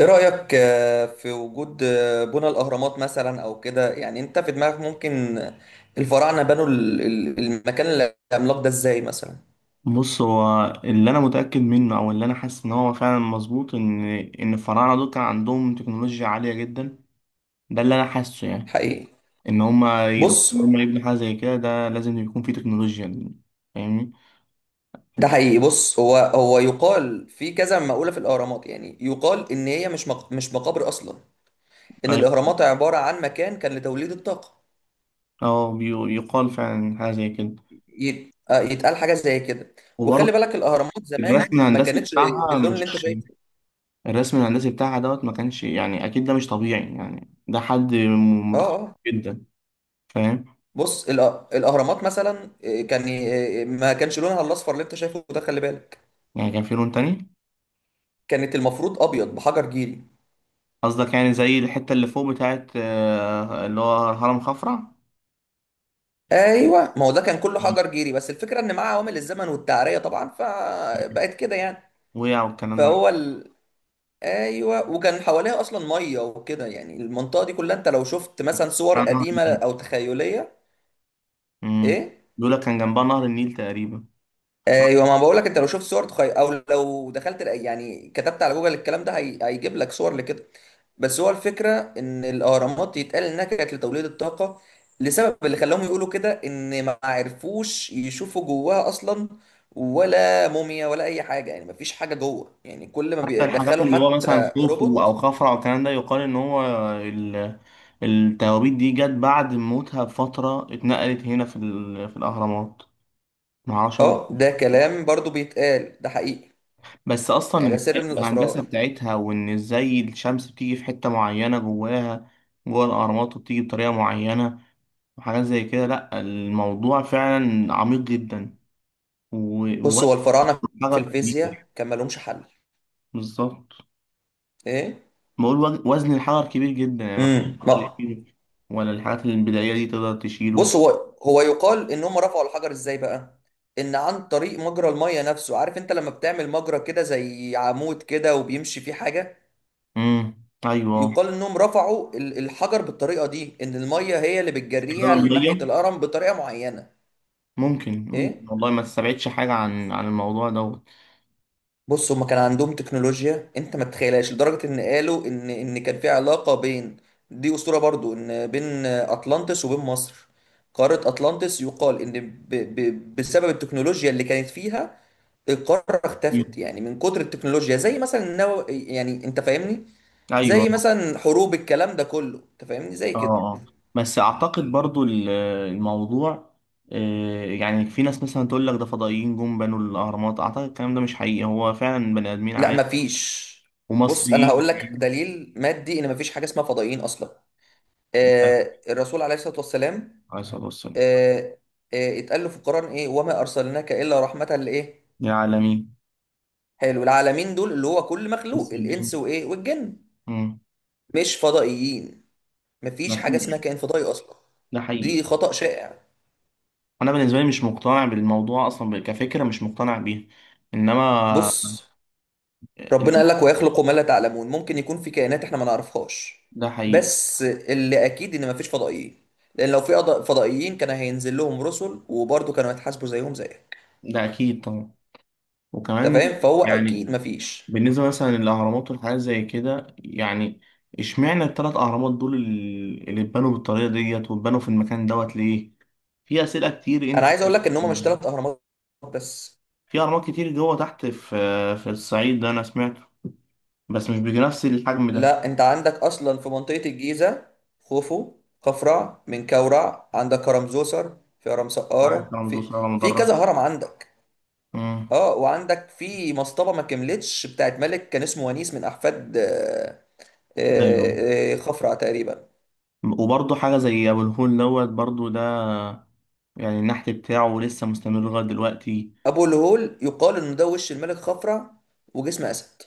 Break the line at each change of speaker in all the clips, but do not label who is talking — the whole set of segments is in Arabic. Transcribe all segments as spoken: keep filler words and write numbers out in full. ايه رأيك آه، في وجود آه، بنى الأهرامات مثلا أو كده، يعني أنت في دماغك ممكن آه، الفراعنة بنوا ال- ال- المكان العملاق ده إزاي مثلا؟
بص، هو اللي انا متاكد منه او اللي انا حاسس ان هو فعلا مظبوط، ان ان الفراعنه دول كان عندهم تكنولوجيا عاليه جدا. ده اللي انا حاسه يعني.
حقيقي.
ان هم ان
بص،
هم يبنوا حاجه زي كده، ده لازم يكون فيه تكنولوجيا. فاهمني؟
ده حقيقي. بص، هو هو يقال في كذا مقولة في الأهرامات، يعني يقال إن هي مش مق- مش مقابر أصلا، إن
ايوه.
الأهرامات عبارة عن مكان كان لتوليد الطاقة.
اه. بي- يقال فعلا حاجه زي كده.
يت- آه، يتقال حاجة زي كده. وخلي
وبرضه
بالك الأهرامات
الرسم
زمان ما
الهندسي
كانتش
بتاعها
باللون
مش
اللي أنت شايفه.
الرسم الهندسي بتاعها دوت ما كانش، يعني اكيد ده مش طبيعي، يعني ده حد م-
آه
متخصص
آه.
جدا. فاهم؟
بص، الأ- الاهرامات مثلا إيه، كان إيه، ما كانش لونها الاصفر اللي انت شايفه ده، خلي بالك.
يعني كان في لون تاني.
كانت المفروض ابيض بحجر جيري.
قصدك يعني زي الحتة اللي فوق بتاعت آه، اللي هو هرم خفرع.
ايوه، ما هو ده كان كله
مم.
حجر جيري، بس الفكره ان مع عوامل الزمن والتعريه طبعا فبقت كده يعني.
وقع والكلام ده.
فهو ال... ايوه، وكان حواليها اصلا ميه وكده، يعني المنطقه دي كلها انت لو شفت مثلا صور
بتاع نهر
قديمه
النيل.
او تخيليه.
مم.
ايه.
بيقول لك كان جنبها نهر النيل تقريبا.
ايوه، ما بقول لك انت لو شفت صور تخي... او لو دخلت ال- يعني كتبت على جوجل الكلام ده، هي... هيجيب لك صور لكده. بس هو الفكره ان الاهرامات يتقال انها كانت لتوليد الطاقه. لسبب اللي خلاهم يقولوا كده، ان ما عرفوش يشوفوا جواها اصلا، ولا موميا ولا اي حاجه، يعني ما فيش حاجه جوه، يعني كل ما
حتى الحاجات
بيدخلوا
اللي هو مثلا
حتى
خوفو أو
روبوت.
خفرع والكلام ده، يقال إن هو ال- التوابيت دي جت بعد موتها بفترة، اتنقلت هنا في ال- في الأهرامات. معرفش
اه،
أقعد.
ده كلام برضو بيتقال، ده حقيقي.
بس
يعني ده
أصلا
سر من
الهندسة
الاسرار.
بتاعتها، وإن إزاي الشمس بتيجي في حتة معينة جواها، جوه الأهرامات، وبتيجي بطريقة معينة، وحاجات زي كده. لأ الموضوع فعلا عميق جدا. و-
بص،
ووزن
هو الفراعنه في
الحجر كبير.
الفيزياء كان مالهمش حل.
بالظبط.
ايه.
بقول وز- وزن الحجر كبير جدا، يعني ما حدش
امم
يقدر يشيله، ولا الحاجات البدائية دي تقدر تشيله.
بص، هو هو يقال ان هم رفعوا الحجر ازاي بقى. ان عن طريق مجرى الميه نفسه، عارف انت لما بتعمل مجرى كده زي عمود كده وبيمشي فيه حاجه.
امم أيوه.
يقال انهم رفعوا ال- الحجر بالطريقه دي، ان الميه هي اللي
استخدام
بتجريها
المية
لناحيه الهرم بطريقه معينه.
ممكن، ممكن
ايه.
والله. ما تستبعدش حاجة عن عن الموضوع دوت.
بص، هما كان عندهم تكنولوجيا انت ما تتخيلهاش، لدرجه ان قالوا ان ان كان في علاقه بين، دي اسطوره برضو، ان بين اطلانتس وبين مصر. قاره اطلانتس يقال ان ب ب بسبب التكنولوجيا اللي كانت فيها القاره اختفت،
مم.
يعني من كتر التكنولوجيا، زي مثلا النو... يعني انت فاهمني،
أيوه.
زي
اه
مثلا حروب، الكلام ده كله، انت فاهمني زي كده.
اه. بس أعتقد برضو ال- الموضوع، آه، يعني في ناس مثلا تقول لك ده فضائيين جم بنوا الأهرامات، أعتقد الكلام ده مش حقيقي، هو فعلا بني آدمين
لا،
عادي
مفيش. بص، انا
ومصريين.
هقول لك دليل مادي ان مفيش حاجه اسمها فضائيين اصلا.
لا،
آه، الرسول عليه الصلاه والسلام
عليه الصلاة والسلام.
آه، آه، اتقال له في القرآن ايه، وما ارسلناك الا رحمة لايه،
يا عالمين.
حلو، العالمين دول اللي هو كل مخلوق، الانس
مسلمين.
وايه والجن،
مم.
مش فضائيين. مفيش
لا
حاجة اسمها
فيش.
كائن فضائي اصلا،
ده حقيقي.
دي خطأ شائع.
أنا بالنسبة لي مش مقتنع بالموضوع أصلا كفكرة، مش مقتنع بيها. إنما
بص، ربنا
ال-
قال لك ويخلق ما لا تعلمون، ممكن يكون في كائنات احنا ما نعرفهاش،
ده حقيقي.
بس اللي اكيد ان مفيش فضائيين. لان لو في أض- فضائيين كان هينزل لهم رسل، وبرضه كانوا هيتحاسبوا زيهم زيك،
ده أكيد طبعا.
انت
وكمان
فاهم، فهو
يعني
اكيد مفيش.
بالنسبة مثلا للأهرامات والحاجات زي كده، يعني اشمعنى التلات أهرامات دول ال- اللي اتبنوا بالطريقة ديت واتبنوا في المكان دوت ليه؟ في أسئلة كتير
انا
أنت.
عايز اقول لك ان هم مش ثلاث اهرامات بس.
في أهرامات كتير جوه تحت، في في الصعيد ده أنا سمعت، بس مش بنفس الحجم ده.
لا، انت عندك اصلا في منطقة الجيزة، خوفو خفرع منكورع، عندك هرم زوسر، في هرم
عارف
سقارة،
رمضان
في
صلى الله
في كذا
مدرج.
هرم عندك.
امم
اه، وعندك في مصطبة ما كملتش بتاعت ملك كان اسمه ونيس، من احفاد آه،
ايوه.
آه، آه، خفرع تقريبا.
وبرضه حاجه زي ابو الهول دوت، برضه ده يعني النحت بتاعه لسه مستمر لغايه دلوقتي.
ابو الهول يقال انه ده وش الملك خفرع وجسم اسد.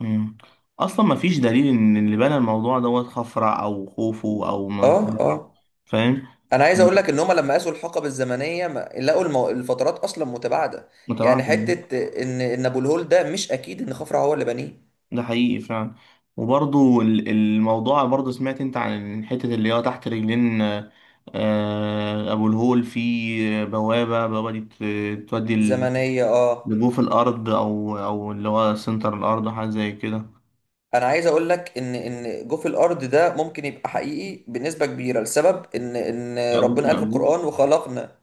امم اصلا ما فيش دليل ان اللي بنى الموضوع دوت خفرع او خوفو او
اه
منقرع.
اه.
فاهم؟
انا عايز اقول لك ان هم لما قاسوا الحقب الزمنيه ما لقوا المو... الفترات اصلا متباعده، يعني
متابعة.
حته ان ان ابو الهول ده مش اكيد ان خفرع هو اللي بنيه.
ده حقيقي فعلا. وبرضه ال- الموضوع برضه، سمعت انت عن الحتة اللي هي تحت رجلين آه، ابو الهول، في بوابة بوابة دي بت- تودي،
زمنية، اه.
جابوه في الأرض، أو أو اللي هو سنتر الأرض، أو حاجة زي كده.
انا عايز اقول لك ان ان جوف الارض ده ممكن يبقى حقيقي بنسبة كبيرة، لسبب ان ان ربنا
مقبول
قال في
مقبول.
القرآن وخلقنا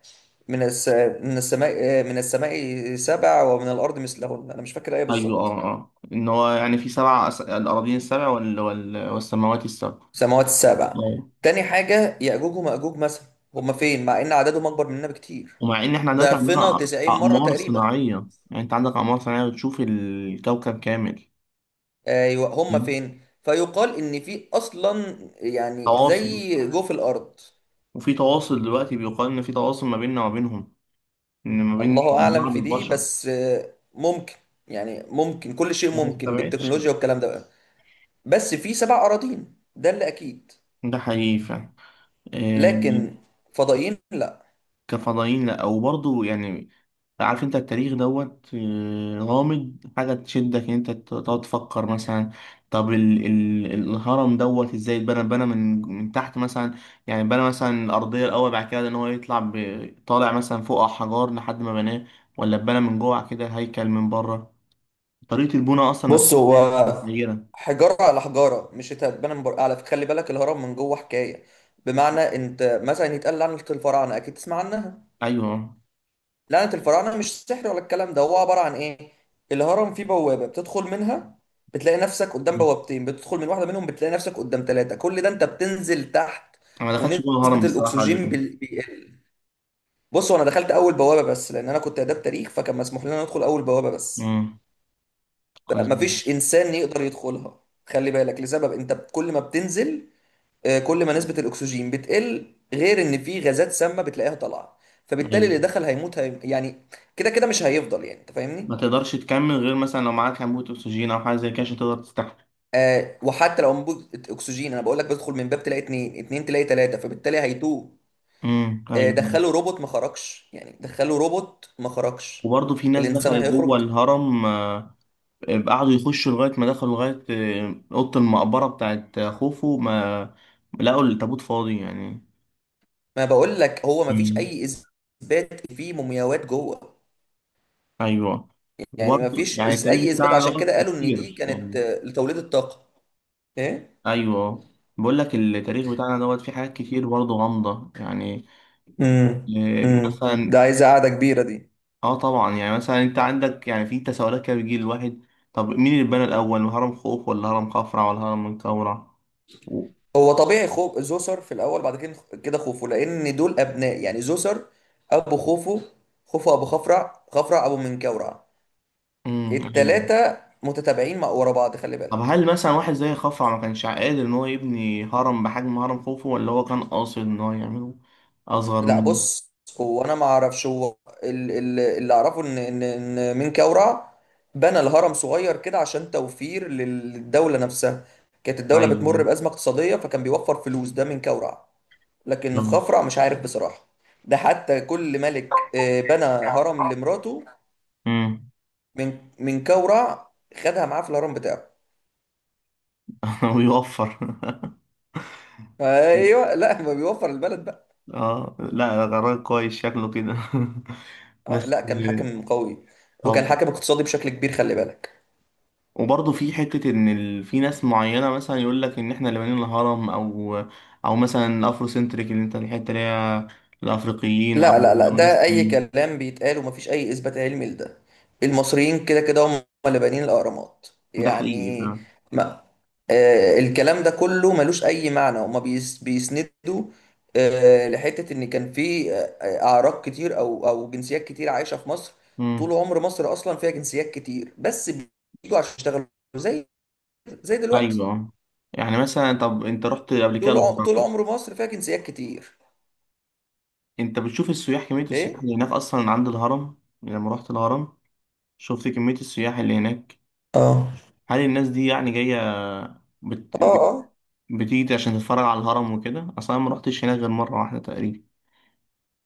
من الس... من السماء آه، من السماء سبع، ومن الارض مثلهن، انا مش فاكر الايه
أيوه
بالظبط.
أه أه. إن هو يعني في سبع أس... الأراضين السبع، وال... وال... والسماوات السبع.
سماوات السبع.
أه.
تاني حاجة يأجوج ومأجوج مثلا، هما فين مع ان عددهم اكبر مننا بكتير،
ومع إن إحنا دلوقتي عندنا
ضعفنا
أ-
تسعين مرة
أقمار
تقريبا.
صناعية، يعني أنت عندك أقمار صناعية بتشوف الكوكب كامل.
ايوه، هما
فاهم؟
فين؟ فيقال ان في اصلا، يعني
تواصل
زي جوف الارض.
وفي تواصل دلوقتي، بيقال إن في تواصل ما بيننا وما بينهم، إن ما بين
الله اعلم
بعض
في دي،
البشر.
بس آه، ممكن، يعني ممكن كل شيء
ما
ممكن
استبعدش.
بالتكنولوجيا والكلام ده بقى. بس في سبع اراضين ده اللي اكيد.
ده حقيقي فعلا. آه،
لكن فضائيين لا.
كفضائيين لا. وبرضه يعني، عارف انت التاريخ دوت آه، غامض، حاجة تشدك ان انت تقعد تفكر مثلا. طب ال ال الهرم دوت ازاي اتبنى اتبنى من من تحت مثلا؟ يعني بنى مثلا الأرضية الأول، بعد كده ان هو يطلع ب- طالع مثلا فوق على حجار لحد ما بناه، ولا اتبنى من جوه كده هيكل من بره؟ طريقة البناء أصلا
بص،
نفسها
هو
متغيرة.
حجاره على حجاره مش هتتبنى من بره، على فكرة خلي بالك، الهرم من جوه حكايه. بمعنى انت مثلا يتقال عن الفراعنه اكيد تسمع عنها،
أيوه.
لعنة الفراعنة، مش سحر ولا الكلام ده، هو عبارة عن إيه؟ الهرم فيه بوابة بتدخل منها، بتلاقي نفسك قدام
مم.
بوابتين، بتدخل من واحدة منهم بتلاقي نفسك قدام ثلاثة، كل ده أنت بتنزل تحت.
أنا ما دخلتش
ونسبة
جوه الهرم الصراحة قبل
الأكسجين
كده.
بال- بيقل. بصوا، أنا دخلت أول بوابة بس، لأن أنا كنت آداب تاريخ، فكان مسموح لنا ندخل أول بوابة بس.
مم. كويس جدا.
فمفيش إنسان يقدر يدخلها. خلي بالك لسبب، أنت كل ما بتنزل آه، كل ما نسبة الأكسجين بتقل، غير إن في غازات سامة بتلاقيها طالعة، فبالتالي
أيوه.
اللي دخل هيموت، هي... يعني كده كده مش هيفضل، يعني انت فاهمني.
ما تقدرش تكمل غير مثلا لو معاك أنبوبة أكسجين أو حاجة زي كده عشان تقدر تستحمل.
آه، وحتى لو انبوبه اكسجين، انا بقول لك بدخل من باب تلاقي اتنين، اتنين تلاقي تلاته، فبالتالي هيتوه.
امم
آه،
ايوه.
دخلوا روبوت ما خرجش، يعني دخلوا روبوت ما خرجش،
وبرضه في ناس
الانسان
دخلت جوه
هيخرج؟
الهرم، آه، قعدوا يخشوا لغايه ما دخلوا لغايه آه، اوضه المقبره بتاعت خوفو، ما لقوا التابوت فاضي يعني.
ما بقول لك هو ما فيش
امم
اي اثبات فيه مومياوات جوه،
ايوه.
يعني
وبرضه
ما فيش
يعني
إس-
التاريخ
اي اثبات،
بتاعنا
عشان
دوت
كده قالوا ان دي
كتير
كانت
يعني.
آه لتوليد الطاقه. ايه.
ايوه. بقول لك التاريخ بتاعنا دوت فيه حاجات كتير برضه غامضه يعني،
امم
آه،
امم ده
مثلا.
عايزه قاعده كبيره دي.
اه طبعا. يعني مثلا انت عندك، يعني في تساؤلات كده بتجي للواحد، طب مين اللي بنى الاول، هرم خوف ولا هرم خفرع ولا هرم منقورع؟
هو طبيعي خوف زوسر في الاول، بعد كده كده خوفو، لان دول ابناء، يعني زوسر ابو خوفو، خوفو ابو خفرع، خفرع ابو منكورع،
امم أيوة.
التلاتة متتابعين مع ورا بعض خلي
طب
بالك.
هل مثلا واحد زي خفرع ما كانش قادر ان هو يبني هرم بحجم هرم خوفو، ولا هو كان قاصد ان هو يعمله اصغر
لا،
من؟
بص، هو انا ما اعرفش، هو ال- ال- اللي اعرفه ان ان ان منكورع بنى الهرم صغير كده عشان توفير لل- للدولة نفسها. كانت الدولة
ايوه
بتمر بأزمة اقتصادية، فكان بيوفر فلوس، ده منكورع. لكن
بالظبط.
الخفرع مش عارف بصراحة. ده حتى كل ملك آه، بنى هرم لمراته،
امم
من من كورع خدها معاه في الهرم بتاعه.
ويوفر.
ايوه، لا، ما بيوفر البلد بقى.
اه لا، ده قرار كويس شكله كده.
اه
بس
لا، كان حاكم قوي، وكان
طب.
حاكم اقتصادي بشكل كبير خلي بالك.
وبرضه في حتة إن ال... في ناس معينة مثلا يقول لك إن إحنا اللي بنينا الهرم، أو أو مثلا أفرو سنتريك اللي أنت، الحتة اللي هي الأفريقيين، أو
لا لا لا،
أو ناس
ده اي
تانية.
كلام بيتقال ومفيش اي اثبات علمي لده. المصريين كده كده هم اللي بانيين الاهرامات
ده حقيقي
يعني. ما آه، الكلام ده كله ملوش اي معنى. هما بيس بيسندوا آه لحته ان كان في آه، اعراق كتير او او جنسيات كتير عايشه في مصر.
فعلا.
طول عمر مصر اصلا فيها جنسيات كتير، بس بيجوا عشان يشتغلوا، زي زي دلوقتي.
ايوه يعني مثلا، طب انت رحت قبل كده
طول عم- طول
الهرم؟
عمر مصر فيها جنسيات كتير.
انت بتشوف السياح، كميه السياح
ايه.
اللي هناك اصلا عند الهرم، يعني لما رحت الهرم شفت كميه السياح اللي هناك،
اه.
هل الناس دي يعني جايه بت...
اه.
بت...
اه.
بتيجي عشان تتفرج على الهرم وكده؟ اصلا أنا ما رحتش هناك غير مره واحده تقريبا،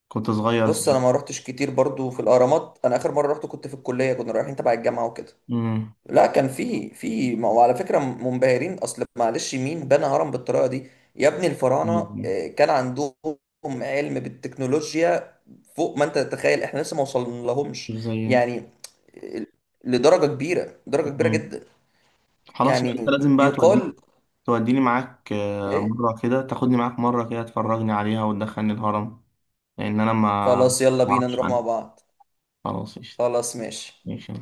كنت صغير
بص،
ساعتها.
انا ما روحتش كتير برضو في الاهرامات، انا اخر مره رحت كنت في الكليه، كنا رايحين تبع الجامعه وكده.
امم
لا، كان في في ما هو على فكره منبهرين، اصل معلش مين بنى هرم بالطريقه دي، يا ابني الفراعنه
مش
آه، كان عندهم علم بالتكنولوجيا فوق ما انت تتخيل، احنا لسه ما وصلنا لهمش
زي.
يعني آه، لدرجه كبيره، درجه كبيره
امم
جدا
خلاص يبقى انت
يعني.
لازم بقى توديني،
يقال
توديني معاك، آه،
ايه.
مره كده تاخدني معاك، مره كده تفرجني عليها وتدخلني الهرم، لان انا ما
خلاص، يلا
ما
بينا
اعرفش
نروح مع
عنها.
بعض.
خلاص قشطة.
خلاص ماشي.
ماشي.